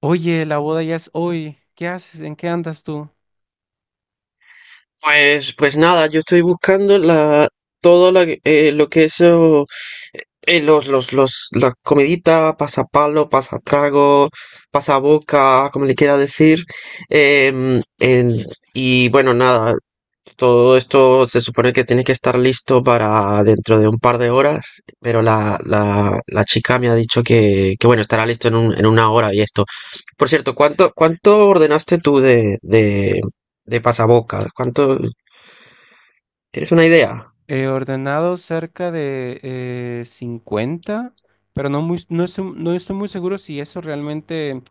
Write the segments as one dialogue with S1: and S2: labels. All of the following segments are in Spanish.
S1: Oye, la boda ya es hoy. ¿Qué haces? ¿En qué andas tú?
S2: Pues nada, yo estoy buscando la, todo la lo que es oh, los, las comeditas, pasapalo, pasatrago, pasaboca, como le quiera decir. em, en- y bueno, nada, todo esto se supone que tiene que estar listo para dentro de un par de horas, pero la chica me ha dicho que bueno, estará listo en una hora y esto. Por cierto, ¿cuánto ordenaste tú de pasaboca? ¿Cuánto? ¿Tienes una idea?
S1: He ordenado cerca de 50, pero no estoy muy seguro si eso realmente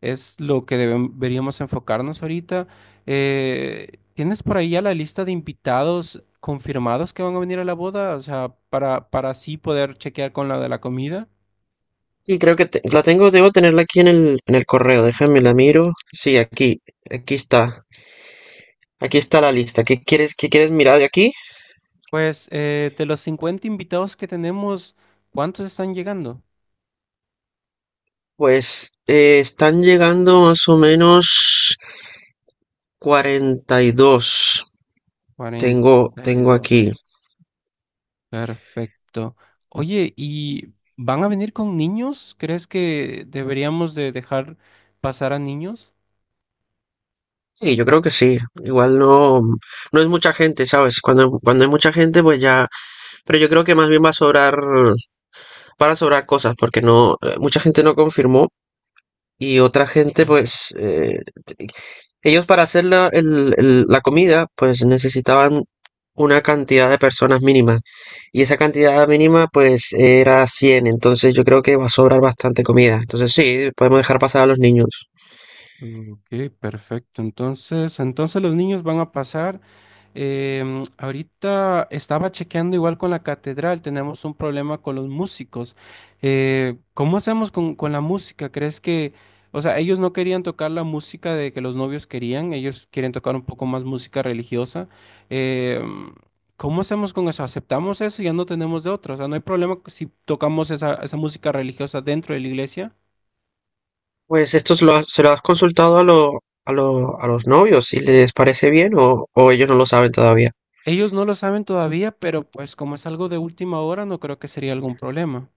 S1: es lo que deberíamos enfocarnos ahorita. ¿Tienes por ahí ya la lista de invitados confirmados que van a venir a la boda? O sea, para así poder chequear con la de la comida.
S2: Sí, creo que la tengo, debo tenerla aquí en en el correo. Déjame la miro. Sí, aquí está. Aquí está la lista. Qué quieres mirar de aquí?
S1: Pues de los 50 invitados que tenemos, ¿cuántos están llegando?
S2: Pues están llegando más o menos 42.
S1: Cuarenta
S2: Tengo,
S1: y
S2: tengo
S1: dos.
S2: aquí.
S1: Perfecto. Oye, ¿y van a venir con niños? ¿Crees que deberíamos de dejar pasar a niños?
S2: Sí, yo creo que sí. Igual no, no es mucha gente, ¿sabes? Cuando hay mucha gente, pues ya. Pero yo creo que más bien va a sobrar, van a sobrar cosas, porque no, mucha gente no confirmó y otra gente, pues, te- ellos para hacer la comida, pues necesitaban una cantidad de personas mínima y esa cantidad mínima, pues, era 100. Entonces yo creo que va a sobrar bastante comida. Entonces sí, podemos dejar pasar a los niños.
S1: Ok, perfecto. Entonces, los niños van a pasar. Ahorita estaba chequeando igual con la catedral, tenemos un problema con los músicos. ¿Cómo hacemos con la música? ¿Crees que, o sea, ellos no querían tocar la música de que los novios querían, ellos quieren tocar un poco más música religiosa? Em, ¿Cómo hacemos con eso? ¿Aceptamos eso y ya no tenemos de otra? O sea, no hay problema si tocamos esa música religiosa dentro de la iglesia.
S2: Pues esto se lo has consultado a, a los novios, si les parece bien o ellos no lo saben todavía.
S1: Ellos no lo saben todavía, pero pues como es algo de última hora, no creo que sería algún problema.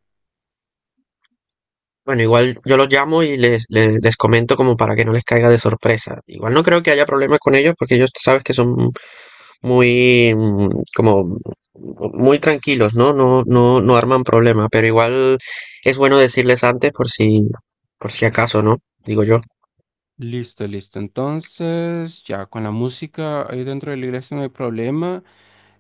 S2: Bueno, igual yo los llamo y les comento como para que no les caiga de sorpresa. Igual no creo que haya problemas con ellos porque ellos tú sabes que son muy, como, muy tranquilos, ¿no? No arman problemas, pero igual es bueno decirles antes por si acaso, ¿no? Digo yo.
S1: Listo, listo. Entonces, ya con la música ahí dentro de la iglesia no hay problema.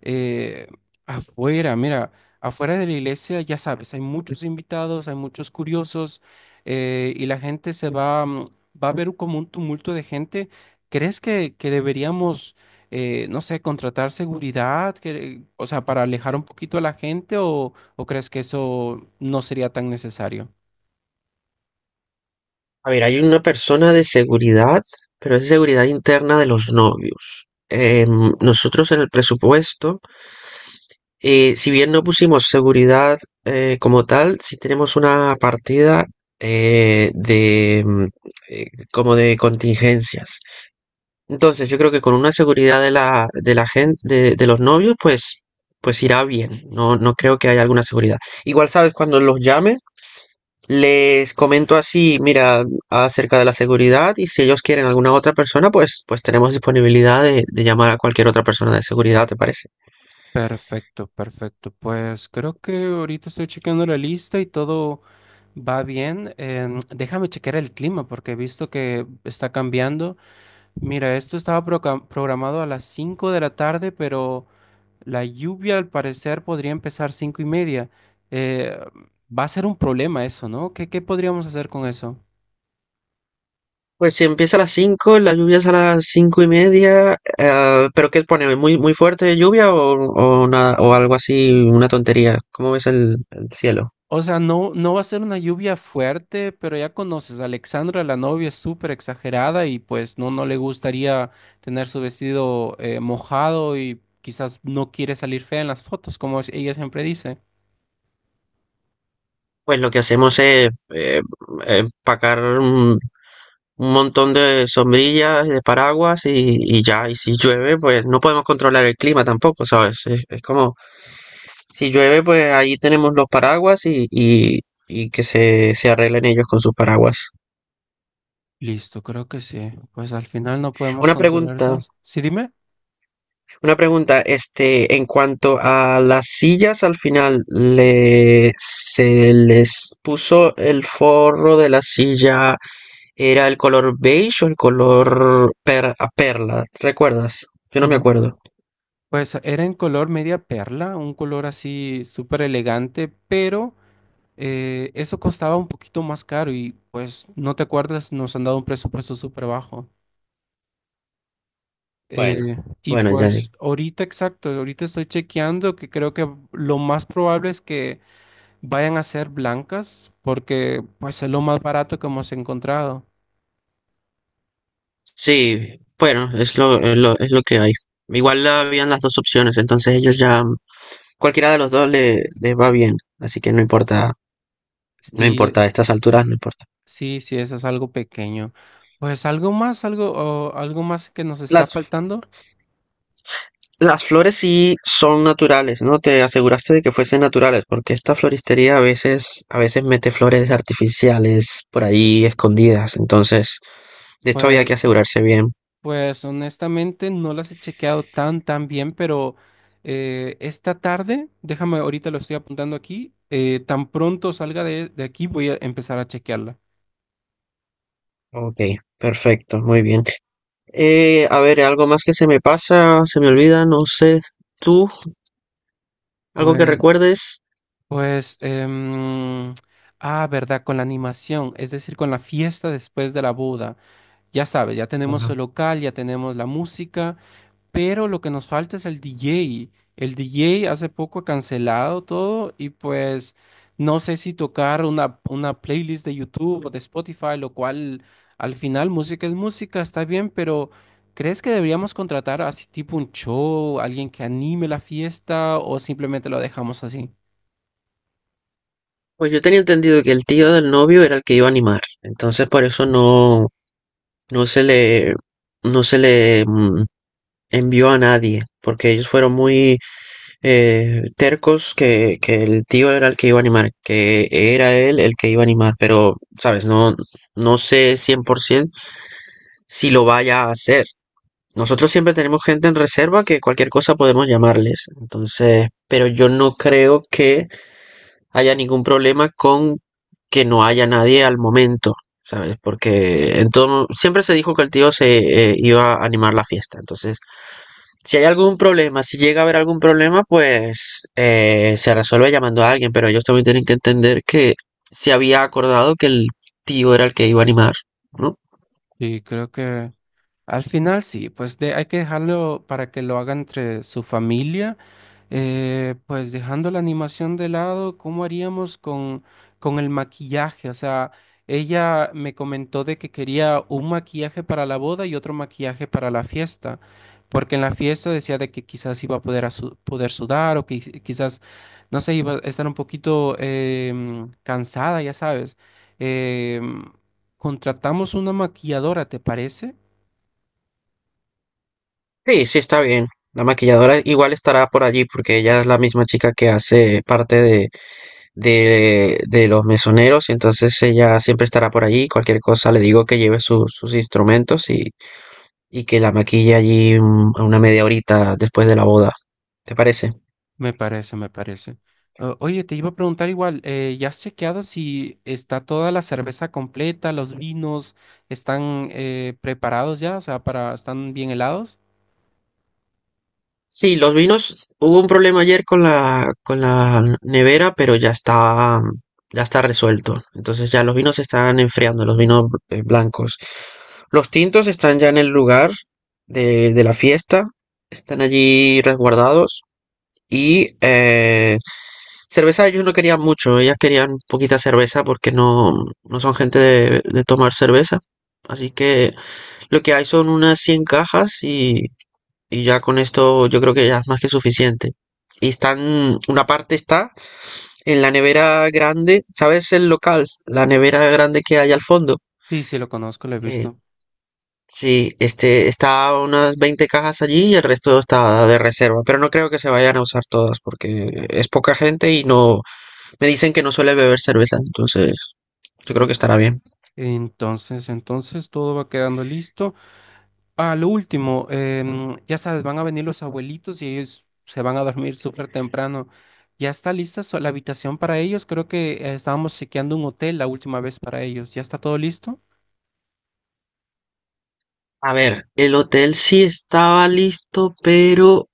S1: Eh, Afuera, mira, afuera de la iglesia, ya sabes, hay muchos invitados, hay muchos curiosos y la gente se va, va a ver como un tumulto de gente. ¿Crees que, deberíamos, no sé, contratar seguridad, que, o sea, para alejar un poquito a la gente o crees que eso no sería tan necesario?
S2: A ver, hay una persona de seguridad, pero es seguridad interna de los novios. Nosotros en el presupuesto, si bien no pusimos seguridad como tal, sí tenemos una partida eh, de mm, eh, como de contingencias. Entonces, yo creo que con una seguridad de de la gente, de los novios, pues, pues irá bien. No, no creo que haya alguna seguridad. Igual sabes, cuando los llame, les comento así, mira, acerca de la seguridad y si ellos quieren alguna otra persona, pues, pues tenemos disponibilidad de llamar a cualquier otra persona de seguridad, ¿te parece?
S1: Perfecto, perfecto. Pues creo que ahorita estoy checando la lista y todo va bien. Déjame checar el clima porque he visto que está cambiando. Mira, esto estaba programado a las 5 de la tarde, pero la lluvia al parecer podría empezar 5 y media. Eh, Va a ser un problema eso, ¿no? ¿Qué, podríamos hacer con eso?
S2: Pues si empieza a las 5, la lluvia es a las cinco y media. ¿ ¿Pero qué pone? ¿Muy, muy fuerte lluvia o, nada- o algo así, una tontería? ¿Cómo ves el cielo?
S1: O sea, no va a ser una lluvia fuerte, pero ya conoces, Alexandra, la novia, es súper exagerada y pues no le gustaría tener su vestido mojado y quizás no quiere salir fea en las fotos, como ella siempre dice.
S2: Pues lo que hacemos es empacar un montón de sombrillas y de paraguas y ya. Y si llueve, pues no podemos controlar el clima tampoco, ¿sabes? Es como, si llueve, pues ahí tenemos los paraguas y que se arreglen ellos con sus paraguas.
S1: Listo, creo que sí. Pues al final no podemos
S2: Una
S1: controlar
S2: pregunta,
S1: eso. Sí, dime.
S2: Una pregunta, este, en cuanto a las sillas, al final se les puso el forro de la silla, ¿era el color beige o el color per- a perla? ¿Recuerdas? Yo no me
S1: Mm.
S2: acuerdo.
S1: Pues era en color media perla, un color así súper elegante, pero eso costaba un poquito más caro y pues no te acuerdas, nos han dado un presupuesto súper bajo.
S2: Bueno,
S1: Eh, y
S2: bueno, ya.
S1: pues ahorita exacto, ahorita estoy chequeando que creo que lo más probable es que vayan a ser blancas porque pues es lo más barato que hemos encontrado.
S2: Sí, bueno, es lo que hay. Igual habían las dos opciones, entonces ellos ya, cualquiera de los dos les va bien, así que no importa, no
S1: Sí,
S2: importa, a estas alturas
S1: sí,
S2: no importa.
S1: sí, sí, eso es algo pequeño. Pues algo más, algo, o algo más que nos está
S2: Las
S1: faltando.
S2: Las flores sí son naturales, ¿no? Te aseguraste de que fuesen naturales, porque esta floristería a veces mete flores artificiales por ahí escondidas. Entonces, de esto había
S1: Pues,
S2: que asegurarse bien.
S1: pues honestamente no las he chequeado tan bien, pero esta tarde, déjame, ahorita lo estoy apuntando aquí, tan pronto salga de aquí voy a empezar a chequearla.
S2: Ok, perfecto, muy bien. A ver, algo más que se me pasa, se me olvida, no sé. ¿Tú? ¿Algo que
S1: Pues,
S2: recuerdes?
S1: pues, em, Verdad, con la animación, es decir, con la fiesta después de la boda. Ya sabes, ya tenemos
S2: Ajá.
S1: el local, ya tenemos la música, pero lo que nos falta es el DJ. El DJ hace poco ha cancelado todo y pues no sé si tocar una, playlist de YouTube o de Spotify, lo cual al final música es música, está bien, pero ¿crees que deberíamos contratar así tipo un show, alguien que anime la fiesta o simplemente lo dejamos así?
S2: Pues yo tenía entendido que el tío del novio era el que iba a animar, entonces por eso no, No se le, no se le envió a nadie, porque ellos fueron muy tercos que el tío era el que iba a animar, que era él el que iba a animar, pero, sabes, no, no sé 100% si lo vaya a hacer. Nosotros siempre tenemos gente en reserva que cualquier cosa podemos llamarles, entonces, pero yo no creo que haya ningún problema con que no haya nadie al momento, ¿sabes? Porque en todo, siempre se dijo que el tío se iba a animar la fiesta. Entonces, si hay algún problema, si llega a haber algún problema, pues se resuelve llamando a alguien, pero ellos también tienen que entender que se había acordado que el tío era el que iba a animar, ¿no?
S1: Y creo que al final sí, pues de, hay que dejarlo para que lo haga entre su familia. Pues dejando la animación de lado, ¿cómo haríamos con, el maquillaje? O sea, ella me comentó de que quería un maquillaje para la boda y otro maquillaje para la fiesta, porque en la fiesta decía de que quizás iba a poder, poder sudar o que quizás, no sé, iba a estar un poquito cansada, ya sabes. Em, Contratamos una maquilladora, ¿te parece?
S2: Sí, sí, está bien. La maquilladora igual estará por allí porque ella es la misma chica que hace parte de los mesoneros, y entonces ella siempre estará por allí. Cualquier cosa le digo que lleve sus instrumentos y que la maquille allí un- a una media horita después de la boda. ¿Te parece?
S1: Me parece, me parece. Oye, te iba a preguntar igual, ¿ya has chequeado si está toda la cerveza completa, los vinos están preparados ya? O sea, para, ¿están bien helados?
S2: Sí, los vinos, hubo un problema ayer con con la nevera, pero ya está resuelto. Entonces ya los vinos se están enfriando, los vinos blancos. Los tintos están ya en el lugar de la fiesta, están allí resguardados. Y cerveza ellos no querían mucho, ellas querían poquita cerveza porque no, no son gente de tomar cerveza. Así que lo que hay son unas 100 cajas y ya con esto yo creo que ya es más que suficiente. Y están, una parte está en la nevera grande, ¿sabes el local? La nevera grande que hay al fondo.
S1: Sí, sí, lo conozco, lo he
S2: Eh,
S1: visto.
S2: sí, este, está unas 20 cajas allí y el resto está de reserva. Pero no creo que se vayan a usar todas porque es poca gente y no, me dicen que no suele beber cerveza, entonces yo creo que
S1: Mm.
S2: estará bien.
S1: Entonces, todo va quedando listo. A lo último, ya sabes, van a venir los abuelitos y ellos se van a dormir súper temprano. ¿Ya está lista la habitación para ellos? Creo que estábamos chequeando un hotel la última vez para ellos. ¿Ya está todo listo?
S2: A ver, el hotel sí estaba listo, pero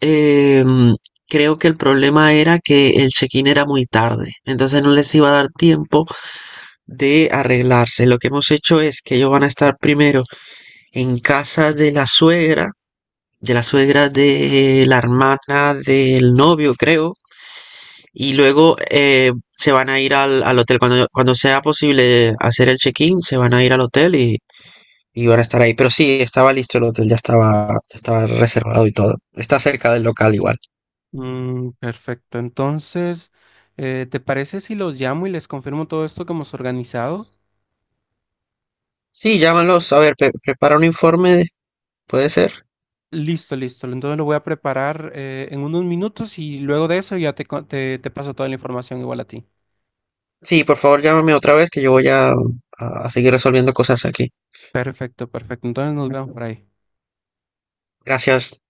S2: em, creo que el problema era que el check-in era muy tarde, entonces no les iba a dar tiempo de arreglarse. Lo que hemos hecho es que ellos van a estar primero en casa de la suegra, de la suegra de la hermana del novio, creo, y luego se van a ir al hotel. Cuando sea posible hacer el check-in, se van a ir al hotel y van a estar ahí. Pero sí, estaba listo el hotel, ya estaba reservado y todo. Está cerca del local igual.
S1: Mm, perfecto. Entonces, ¿te parece si los llamo y les confirmo todo esto que hemos organizado?
S2: Sí, llámalos. A ver, prepara un informe, ¿puede ser?
S1: Listo, listo. Entonces lo voy a preparar en unos minutos y luego de eso ya te paso toda la información igual a ti.
S2: Sí, por favor, llámame otra vez que yo voy a seguir resolviendo cosas aquí.
S1: Perfecto, perfecto. Entonces nos vemos por ahí.
S2: Gracias.